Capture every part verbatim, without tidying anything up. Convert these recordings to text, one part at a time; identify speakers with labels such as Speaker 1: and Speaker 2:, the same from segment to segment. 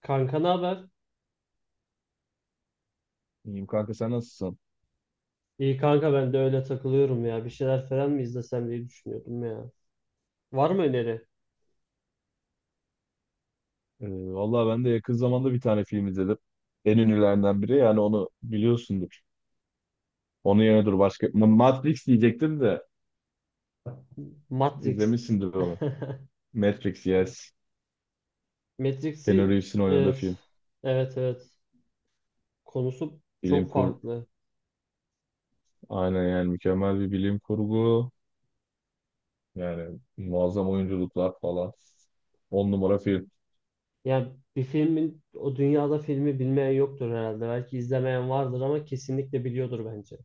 Speaker 1: Kanka ne haber?
Speaker 2: İyiyim kanka sen nasılsın?
Speaker 1: İyi kanka ben de öyle takılıyorum ya. Bir şeyler falan mı izlesem diye düşünüyordum ya. Var mı öneri?
Speaker 2: Ee, vallahi ben de yakın zamanda bir tane film izledim. En ünlülerinden biri yani onu biliyorsundur. Onun yerine dur başka. Ma- Matrix diyecektim de
Speaker 1: Matrix.
Speaker 2: izlemişsindir onu. Matrix yes. Keanu
Speaker 1: Matrix'i
Speaker 2: Reeves'in oynadığı
Speaker 1: evet.
Speaker 2: film.
Speaker 1: Evet, evet. Konusu
Speaker 2: Bilim
Speaker 1: çok
Speaker 2: kur
Speaker 1: farklı.
Speaker 2: Aynen yani mükemmel bir bilim kurgu. Yani muazzam oyunculuklar falan. On numara film.
Speaker 1: Yani bir filmin o dünyada filmi bilmeyen yoktur herhalde. Belki izlemeyen vardır ama kesinlikle biliyordur bence.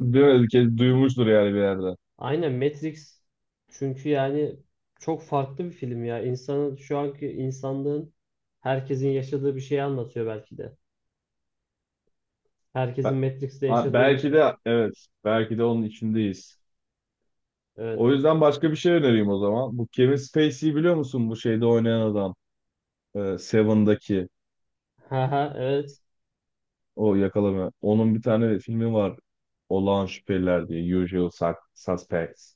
Speaker 2: Değil mi? Kez duymuştur yani bir yerde.
Speaker 1: Aynen Matrix çünkü yani çok farklı bir film ya. İnsanın şu anki insanlığın herkesin yaşadığı bir şeyi anlatıyor belki de. Herkesin
Speaker 2: Be-
Speaker 1: Matrix'te
Speaker 2: A-
Speaker 1: yaşadığını
Speaker 2: belki
Speaker 1: sor.
Speaker 2: de evet. Belki de onun içindeyiz.
Speaker 1: Evet.
Speaker 2: O yüzden başka bir şey önereyim o zaman. Bu Kevin Spacey'i biliyor musun? Bu şeyde oynayan adam. Ee, Seven'daki
Speaker 1: Ha ha, evet.
Speaker 2: o yakalama. Onun bir tane filmi var. Olağan Şüpheliler diye. Usual Sus- Suspects.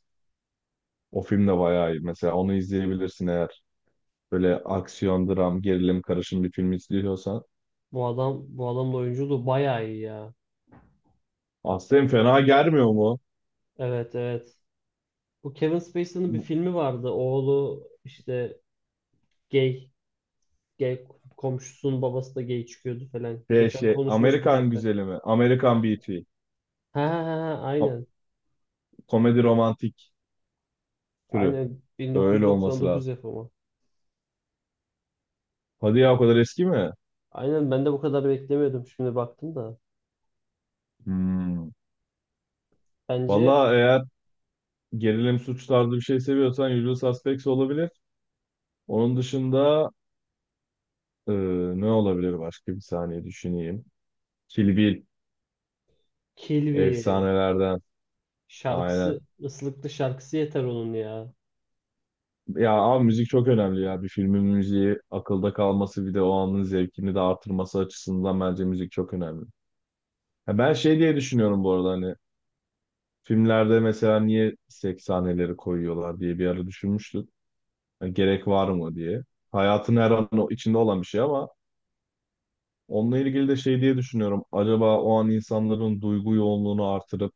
Speaker 2: O film de bayağı iyi. Mesela onu izleyebilirsin eğer. Böyle aksiyon, dram, gerilim karışım bir film izliyorsan.
Speaker 1: Bu adam bu adamın oyunculuğu bayağı iyi ya.
Speaker 2: Aslında fena gelmiyor mu?
Speaker 1: Evet, evet. Bu Kevin Spacey'nin bir
Speaker 2: Bu
Speaker 1: filmi vardı. Oğlu işte gay gay komşusunun babası da gay çıkıyordu falan.
Speaker 2: Şey,
Speaker 1: Geçen
Speaker 2: şey,
Speaker 1: konuşmuştuk
Speaker 2: Amerikan
Speaker 1: hatta.
Speaker 2: güzeli mi? Amerikan Beauty.
Speaker 1: Ha ha ha ha,
Speaker 2: Ko-
Speaker 1: aynen.
Speaker 2: Komedi romantik türü.
Speaker 1: Aynen
Speaker 2: Öyle olması
Speaker 1: bin dokuz yüz doksan dokuz
Speaker 2: lazım.
Speaker 1: yapımı.
Speaker 2: Hadi ya o kadar eski mi?
Speaker 1: Aynen ben de bu kadar beklemiyordum şimdi baktım da.
Speaker 2: Hmm.
Speaker 1: Bence
Speaker 2: Valla eğer gerilim suç tarzı bir şey seviyorsan Usual Suspects olabilir. Onun dışında e, ne olabilir başka bir saniye düşüneyim. Kill Bill
Speaker 1: Kilby
Speaker 2: efsanelerden aynen.
Speaker 1: şarkısı ıslıklı şarkısı yeter onun ya.
Speaker 2: Ya abi müzik çok önemli ya. Bir filmin müziği akılda kalması bir de o anın zevkini de artırması açısından bence müzik çok önemli. Ha, ben şey diye düşünüyorum bu arada hani filmlerde mesela niye seks sahneleri koyuyorlar diye bir ara düşünmüştüm. Hani gerek var mı diye. Hayatın her an o- içinde olan bir şey ama onunla ilgili de şey diye düşünüyorum. Acaba o an insanların duygu yoğunluğunu artırıp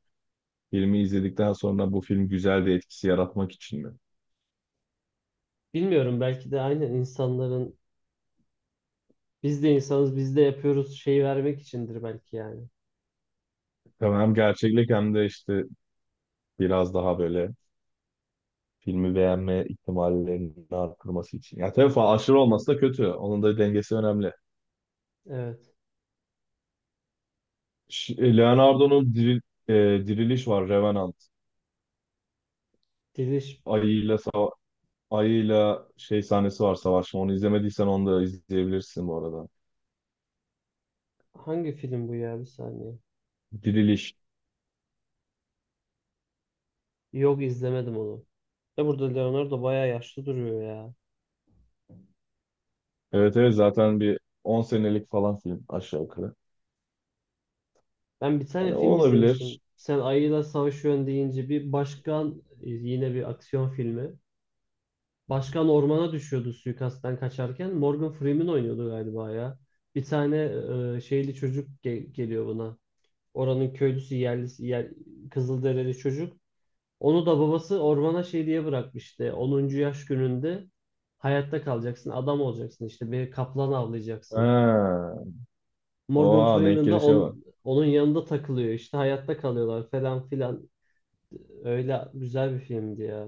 Speaker 2: filmi izledikten sonra bu film güzel bir etkisi yaratmak için mi?
Speaker 1: Bilmiyorum, belki de aynen insanların biz de insanız, biz de yapıyoruz şeyi vermek içindir belki yani.
Speaker 2: Tabii, hem gerçeklik hem de işte biraz daha böyle filmi beğenme ihtimallerini artırması için. Ya tabii falan aşırı olması da kötü. Onun da dengesi önemli.
Speaker 1: Evet.
Speaker 2: Ş- e, Leonardo'nun diril, e, Diriliş var, Revenant.
Speaker 1: Diliş
Speaker 2: Ayıyla sava- Ayıyla şey sahnesi var, savaşma. Onu izlemediysen onu da izleyebilirsin bu arada.
Speaker 1: hangi film bu ya, bir saniye.
Speaker 2: Diriliş.
Speaker 1: Yok, izlemedim onu. Ya burada Leonardo bayağı yaşlı duruyor ya.
Speaker 2: Evet evet zaten bir on senelik falan film aşağı yukarı.
Speaker 1: Ben bir tane
Speaker 2: Hani o
Speaker 1: film izlemiştim.
Speaker 2: olabilir.
Speaker 1: Sen ayıyla savaşıyorsun deyince bir başkan e, yine bir aksiyon filmi. Başkan ormana düşüyordu suikastten kaçarken. Morgan Freeman oynuyordu galiba ya. Bir tane e, şeyli çocuk ge- geliyor buna. Oranın köylüsü yerlisi yer, Kızılderili çocuk. Onu da babası ormana şey diye bırakmıştı. Onuncu yaş gününde hayatta kalacaksın, adam olacaksın işte bir kaplan avlayacaksın.
Speaker 2: Ha.
Speaker 1: Morgan
Speaker 2: Oha, denk
Speaker 1: Freeman da
Speaker 2: gelişe bak.
Speaker 1: on- Onun yanında takılıyor işte hayatta kalıyorlar falan filan. Öyle güzel bir filmdi ya.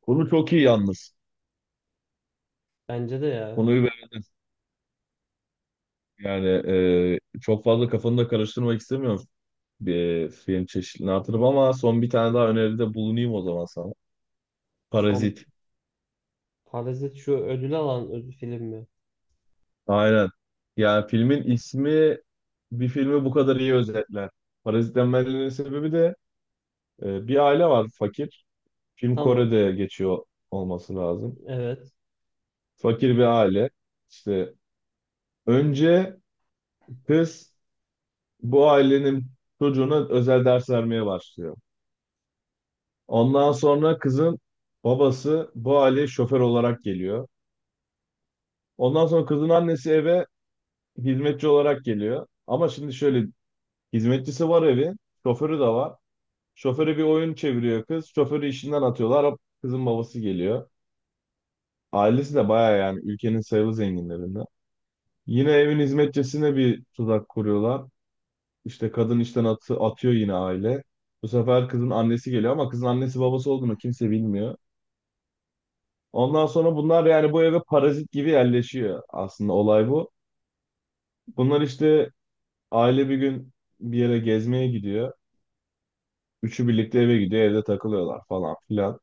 Speaker 2: Konu çok iyi yalnız.
Speaker 1: Bence de ya.
Speaker 2: Konuyu beğendim. Yani e, çok fazla kafanı da karıştırmak istemiyorum bir film çeşidini artırıp, ama son bir tane daha öneride bulunayım o zaman sana.
Speaker 1: Son
Speaker 2: Parazit.
Speaker 1: Parazit şu ödül alan ödül film mi?
Speaker 2: Aynen. Yani filmin ismi bir filmi bu kadar iyi özetler. Parazit denmelerinin sebebi de e, bir aile var fakir. Film
Speaker 1: Tamam.
Speaker 2: Kore'de geçiyor olması lazım.
Speaker 1: Evet.
Speaker 2: Fakir bir aile. İşte önce kız bu ailenin çocuğuna özel ders vermeye başlıyor. Ondan sonra kızın babası bu aileye şoför olarak geliyor. Ondan sonra kızın annesi eve hizmetçi olarak geliyor. Ama şimdi şöyle, hizmetçisi var evin, şoförü de var. Şoförü bir oyun çeviriyor kız. Şoförü işinden atıyorlar. Hop, kızın babası geliyor. Ailesi de bayağı yani ülkenin sayılı zenginlerinden. Yine evin hizmetçisine bir tuzak kuruyorlar. İşte kadın işten atı, atıyor yine aile. Bu sefer kızın annesi geliyor ama kızın annesi babası olduğunu kimse bilmiyor. Ondan sonra bunlar yani bu eve parazit gibi yerleşiyor, aslında olay bu. Bunlar işte aile bir gün bir yere gezmeye gidiyor. Üçü birlikte eve gidiyor, evde takılıyorlar falan filan.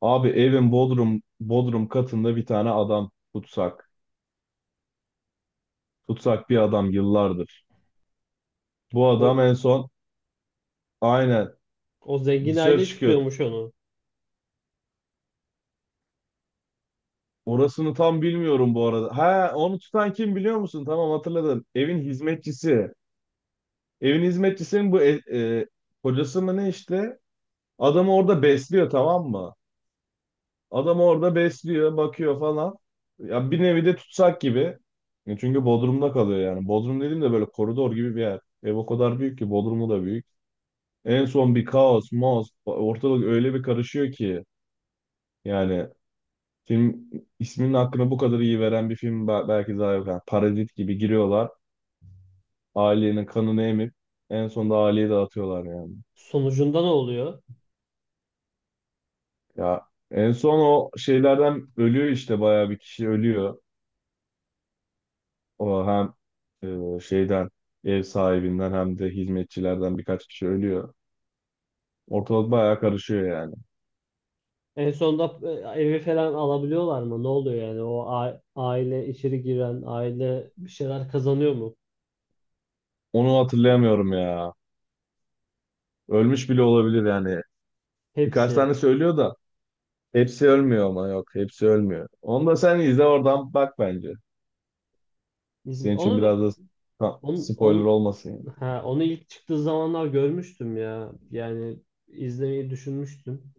Speaker 2: Abi evin bodrum bodrum katında bir tane adam tutsak. Tutsak bir adam yıllardır. Bu adam
Speaker 1: O,
Speaker 2: en son aynen
Speaker 1: o zengin
Speaker 2: dışarı
Speaker 1: aile
Speaker 2: çıkıyor.
Speaker 1: tutuyormuş onu.
Speaker 2: Orasını tam bilmiyorum bu arada. Ha, onu tutan kim biliyor musun? Tamam, hatırladım. Evin hizmetçisi. Evin hizmetçisinin bu e, e, kocası mı ne işte? Adamı orada besliyor, tamam mı? Adamı orada besliyor, bakıyor falan. Ya bir nevi de tutsak gibi. E, Çünkü Bodrum'da kalıyor yani. Bodrum dediğim de böyle koridor gibi bir yer. Ev o kadar büyük ki Bodrum'u da büyük. En son bir kaos, maos, ortalık öyle bir karışıyor ki yani. Film isminin hakkını bu kadar iyi veren bir film ba- belki daha yok. Yani parazit gibi giriyorlar. Ailenin kanını emip en sonunda aileyi dağıtıyorlar yani.
Speaker 1: Sonucunda ne oluyor?
Speaker 2: Ya en son o şeylerden ölüyor işte, bayağı bir kişi ölüyor. O hem e, şeyden, ev sahibinden, hem de hizmetçilerden birkaç kişi ölüyor. Ortalık bayağı karışıyor yani.
Speaker 1: En sonunda e, evi falan alabiliyorlar mı? Ne oluyor yani? O a- aile içeri giren, aile bir şeyler kazanıyor mu?
Speaker 2: Onu hatırlayamıyorum ya. Ölmüş bile olabilir yani. Birkaç
Speaker 1: Hepsi.
Speaker 2: tane söylüyor da hepsi ölmüyor ama, yok, hepsi ölmüyor. Onu da sen izle oradan bak bence.
Speaker 1: Biz-
Speaker 2: Senin için
Speaker 1: Onu
Speaker 2: biraz
Speaker 1: ben-
Speaker 2: da ha,
Speaker 1: onu,
Speaker 2: spoiler
Speaker 1: onu,
Speaker 2: olmasın yani.
Speaker 1: ha, Onu ilk çıktığı zamanlar görmüştüm ya. Yani izlemeyi düşünmüştüm.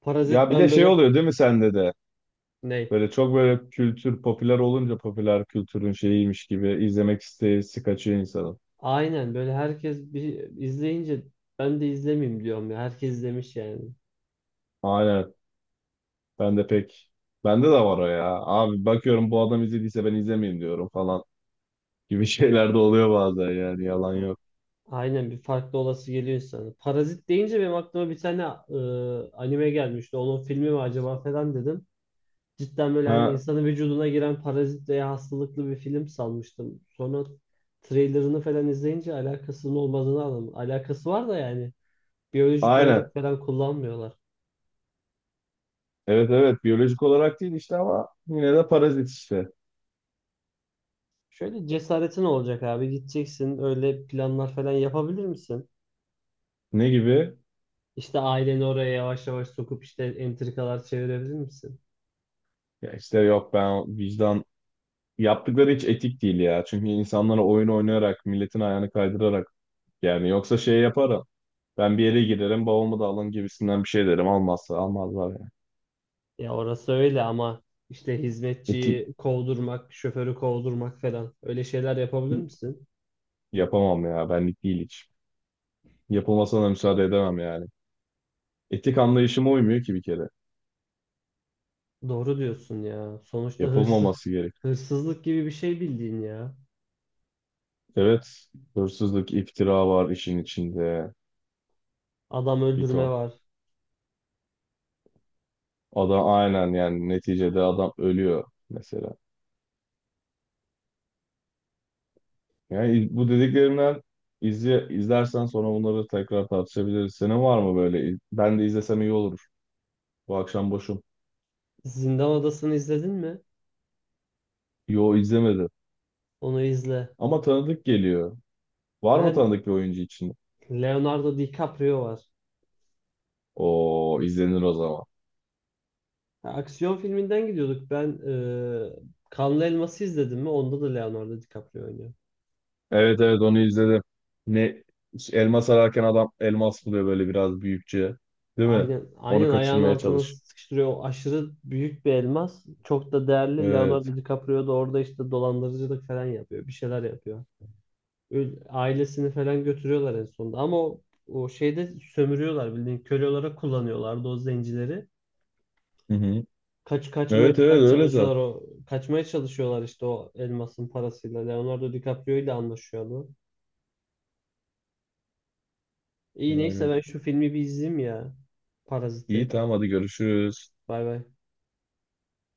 Speaker 1: Parazit
Speaker 2: Ya bir de
Speaker 1: ben
Speaker 2: şey
Speaker 1: böyle
Speaker 2: oluyor değil mi sende de?
Speaker 1: ne?
Speaker 2: Böyle çok böyle kültür popüler olunca popüler kültürün şeyiymiş gibi izlemek isteği kaçıyor insanın.
Speaker 1: Aynen böyle herkes bir izleyince ben de izlemeyeyim diyorum ya. Herkes izlemiş yani.
Speaker 2: Aynen. Ben de pek Bende de var o ya. Abi bakıyorum bu adam izlediyse ben izlemeyeyim diyorum falan gibi şeyler de oluyor bazen yani, yalan yok.
Speaker 1: Aynen bir farklı olası geliyor insana. Parazit deyince benim aklıma bir tane e, anime gelmişti. Onun filmi mi acaba falan dedim. Cidden böyle hani
Speaker 2: Ha,
Speaker 1: insanın vücuduna giren parazit veya hastalıklı bir film sanmıştım. Sonra trailerını falan izleyince alakasının olmadığını anladım. Alakası var da yani biyolojik olarak
Speaker 2: aynen.
Speaker 1: falan kullanmıyorlar.
Speaker 2: Evet evet, biyolojik olarak değil işte ama yine de parazit işte.
Speaker 1: Şöyle cesaretin olacak abi, gideceksin, öyle planlar falan yapabilir misin?
Speaker 2: Ne gibi?
Speaker 1: İşte aileni oraya yavaş yavaş sokup işte entrikalar çevirebilir misin?
Speaker 2: Ya işte yok ben vicdan, yaptıkları hiç etik değil ya. Çünkü insanlara oyun oynayarak, milletin ayağını kaydırarak, yani yoksa şey yaparım. Ben bir yere girerim, babamı da alın gibisinden bir şey derim. Almazsa almazlar yani.
Speaker 1: Ya orası öyle ama işte
Speaker 2: Etik
Speaker 1: hizmetçiyi kovdurmak, şoförü kovdurmak falan öyle şeyler yapabilir misin?
Speaker 2: yapamam ya. Benlik değil hiç. Yapılmasına da müsaade edemem yani. Etik anlayışıma uymuyor ki bir kere.
Speaker 1: Doğru diyorsun ya. Sonuçta hırsız,
Speaker 2: Yapılmaması gerek.
Speaker 1: hırsızlık gibi bir şey bildiğin ya.
Speaker 2: Evet, hırsızlık, iftira var işin içinde.
Speaker 1: Adam
Speaker 2: Bir
Speaker 1: öldürme
Speaker 2: ton.
Speaker 1: var.
Speaker 2: Adam aynen yani neticede adam ölüyor mesela. Yani bu dediklerimden izle, izlersen sonra bunları tekrar tartışabiliriz. Senin var mı böyle? Ben de izlesem iyi olur. Bu akşam boşum.
Speaker 1: Zindan Adası'nı izledin mi?
Speaker 2: Yo, izlemedim.
Speaker 1: Onu izle.
Speaker 2: Ama tanıdık geliyor. Var
Speaker 1: Ha,
Speaker 2: mı tanıdık bir oyuncu için?
Speaker 1: Leonardo DiCaprio var.
Speaker 2: O izlenir o zaman.
Speaker 1: Ha, aksiyon filminden gidiyorduk. Ben e, Kanlı Elmas'ı izledim mi? Onda da Leonardo DiCaprio oynuyor.
Speaker 2: Evet evet onu izledim. Ne, elma sararken adam elmas buluyor böyle biraz büyükçe. Değil mi?
Speaker 1: Aynen,
Speaker 2: Onu
Speaker 1: aynen ayağın
Speaker 2: kaçırmaya
Speaker 1: altına
Speaker 2: çalış.
Speaker 1: sıkıştırıyor. O aşırı büyük bir elmas. Çok da değerli. Leonardo
Speaker 2: Evet.
Speaker 1: DiCaprio da orada işte dolandırıcılık falan yapıyor. Bir şeyler yapıyor. Öl- ailesini falan götürüyorlar en sonunda. Ama o, o şeyde sömürüyorlar, bildiğin köle olarak kullanıyorlardı o zencileri.
Speaker 2: Hı hı.
Speaker 1: Kaç kaçmaya
Speaker 2: Evet evet
Speaker 1: falan
Speaker 2: öyle zaten.
Speaker 1: çalışıyorlar, o kaçmaya çalışıyorlar işte o elmasın parasıyla. Leonardo DiCaprio ile anlaşıyordu. İyi neyse
Speaker 2: Yani.
Speaker 1: ben şu filmi bir izleyeyim ya.
Speaker 2: İyi
Speaker 1: Paraziti.
Speaker 2: tamam, hadi görüşürüz.
Speaker 1: Bay bay.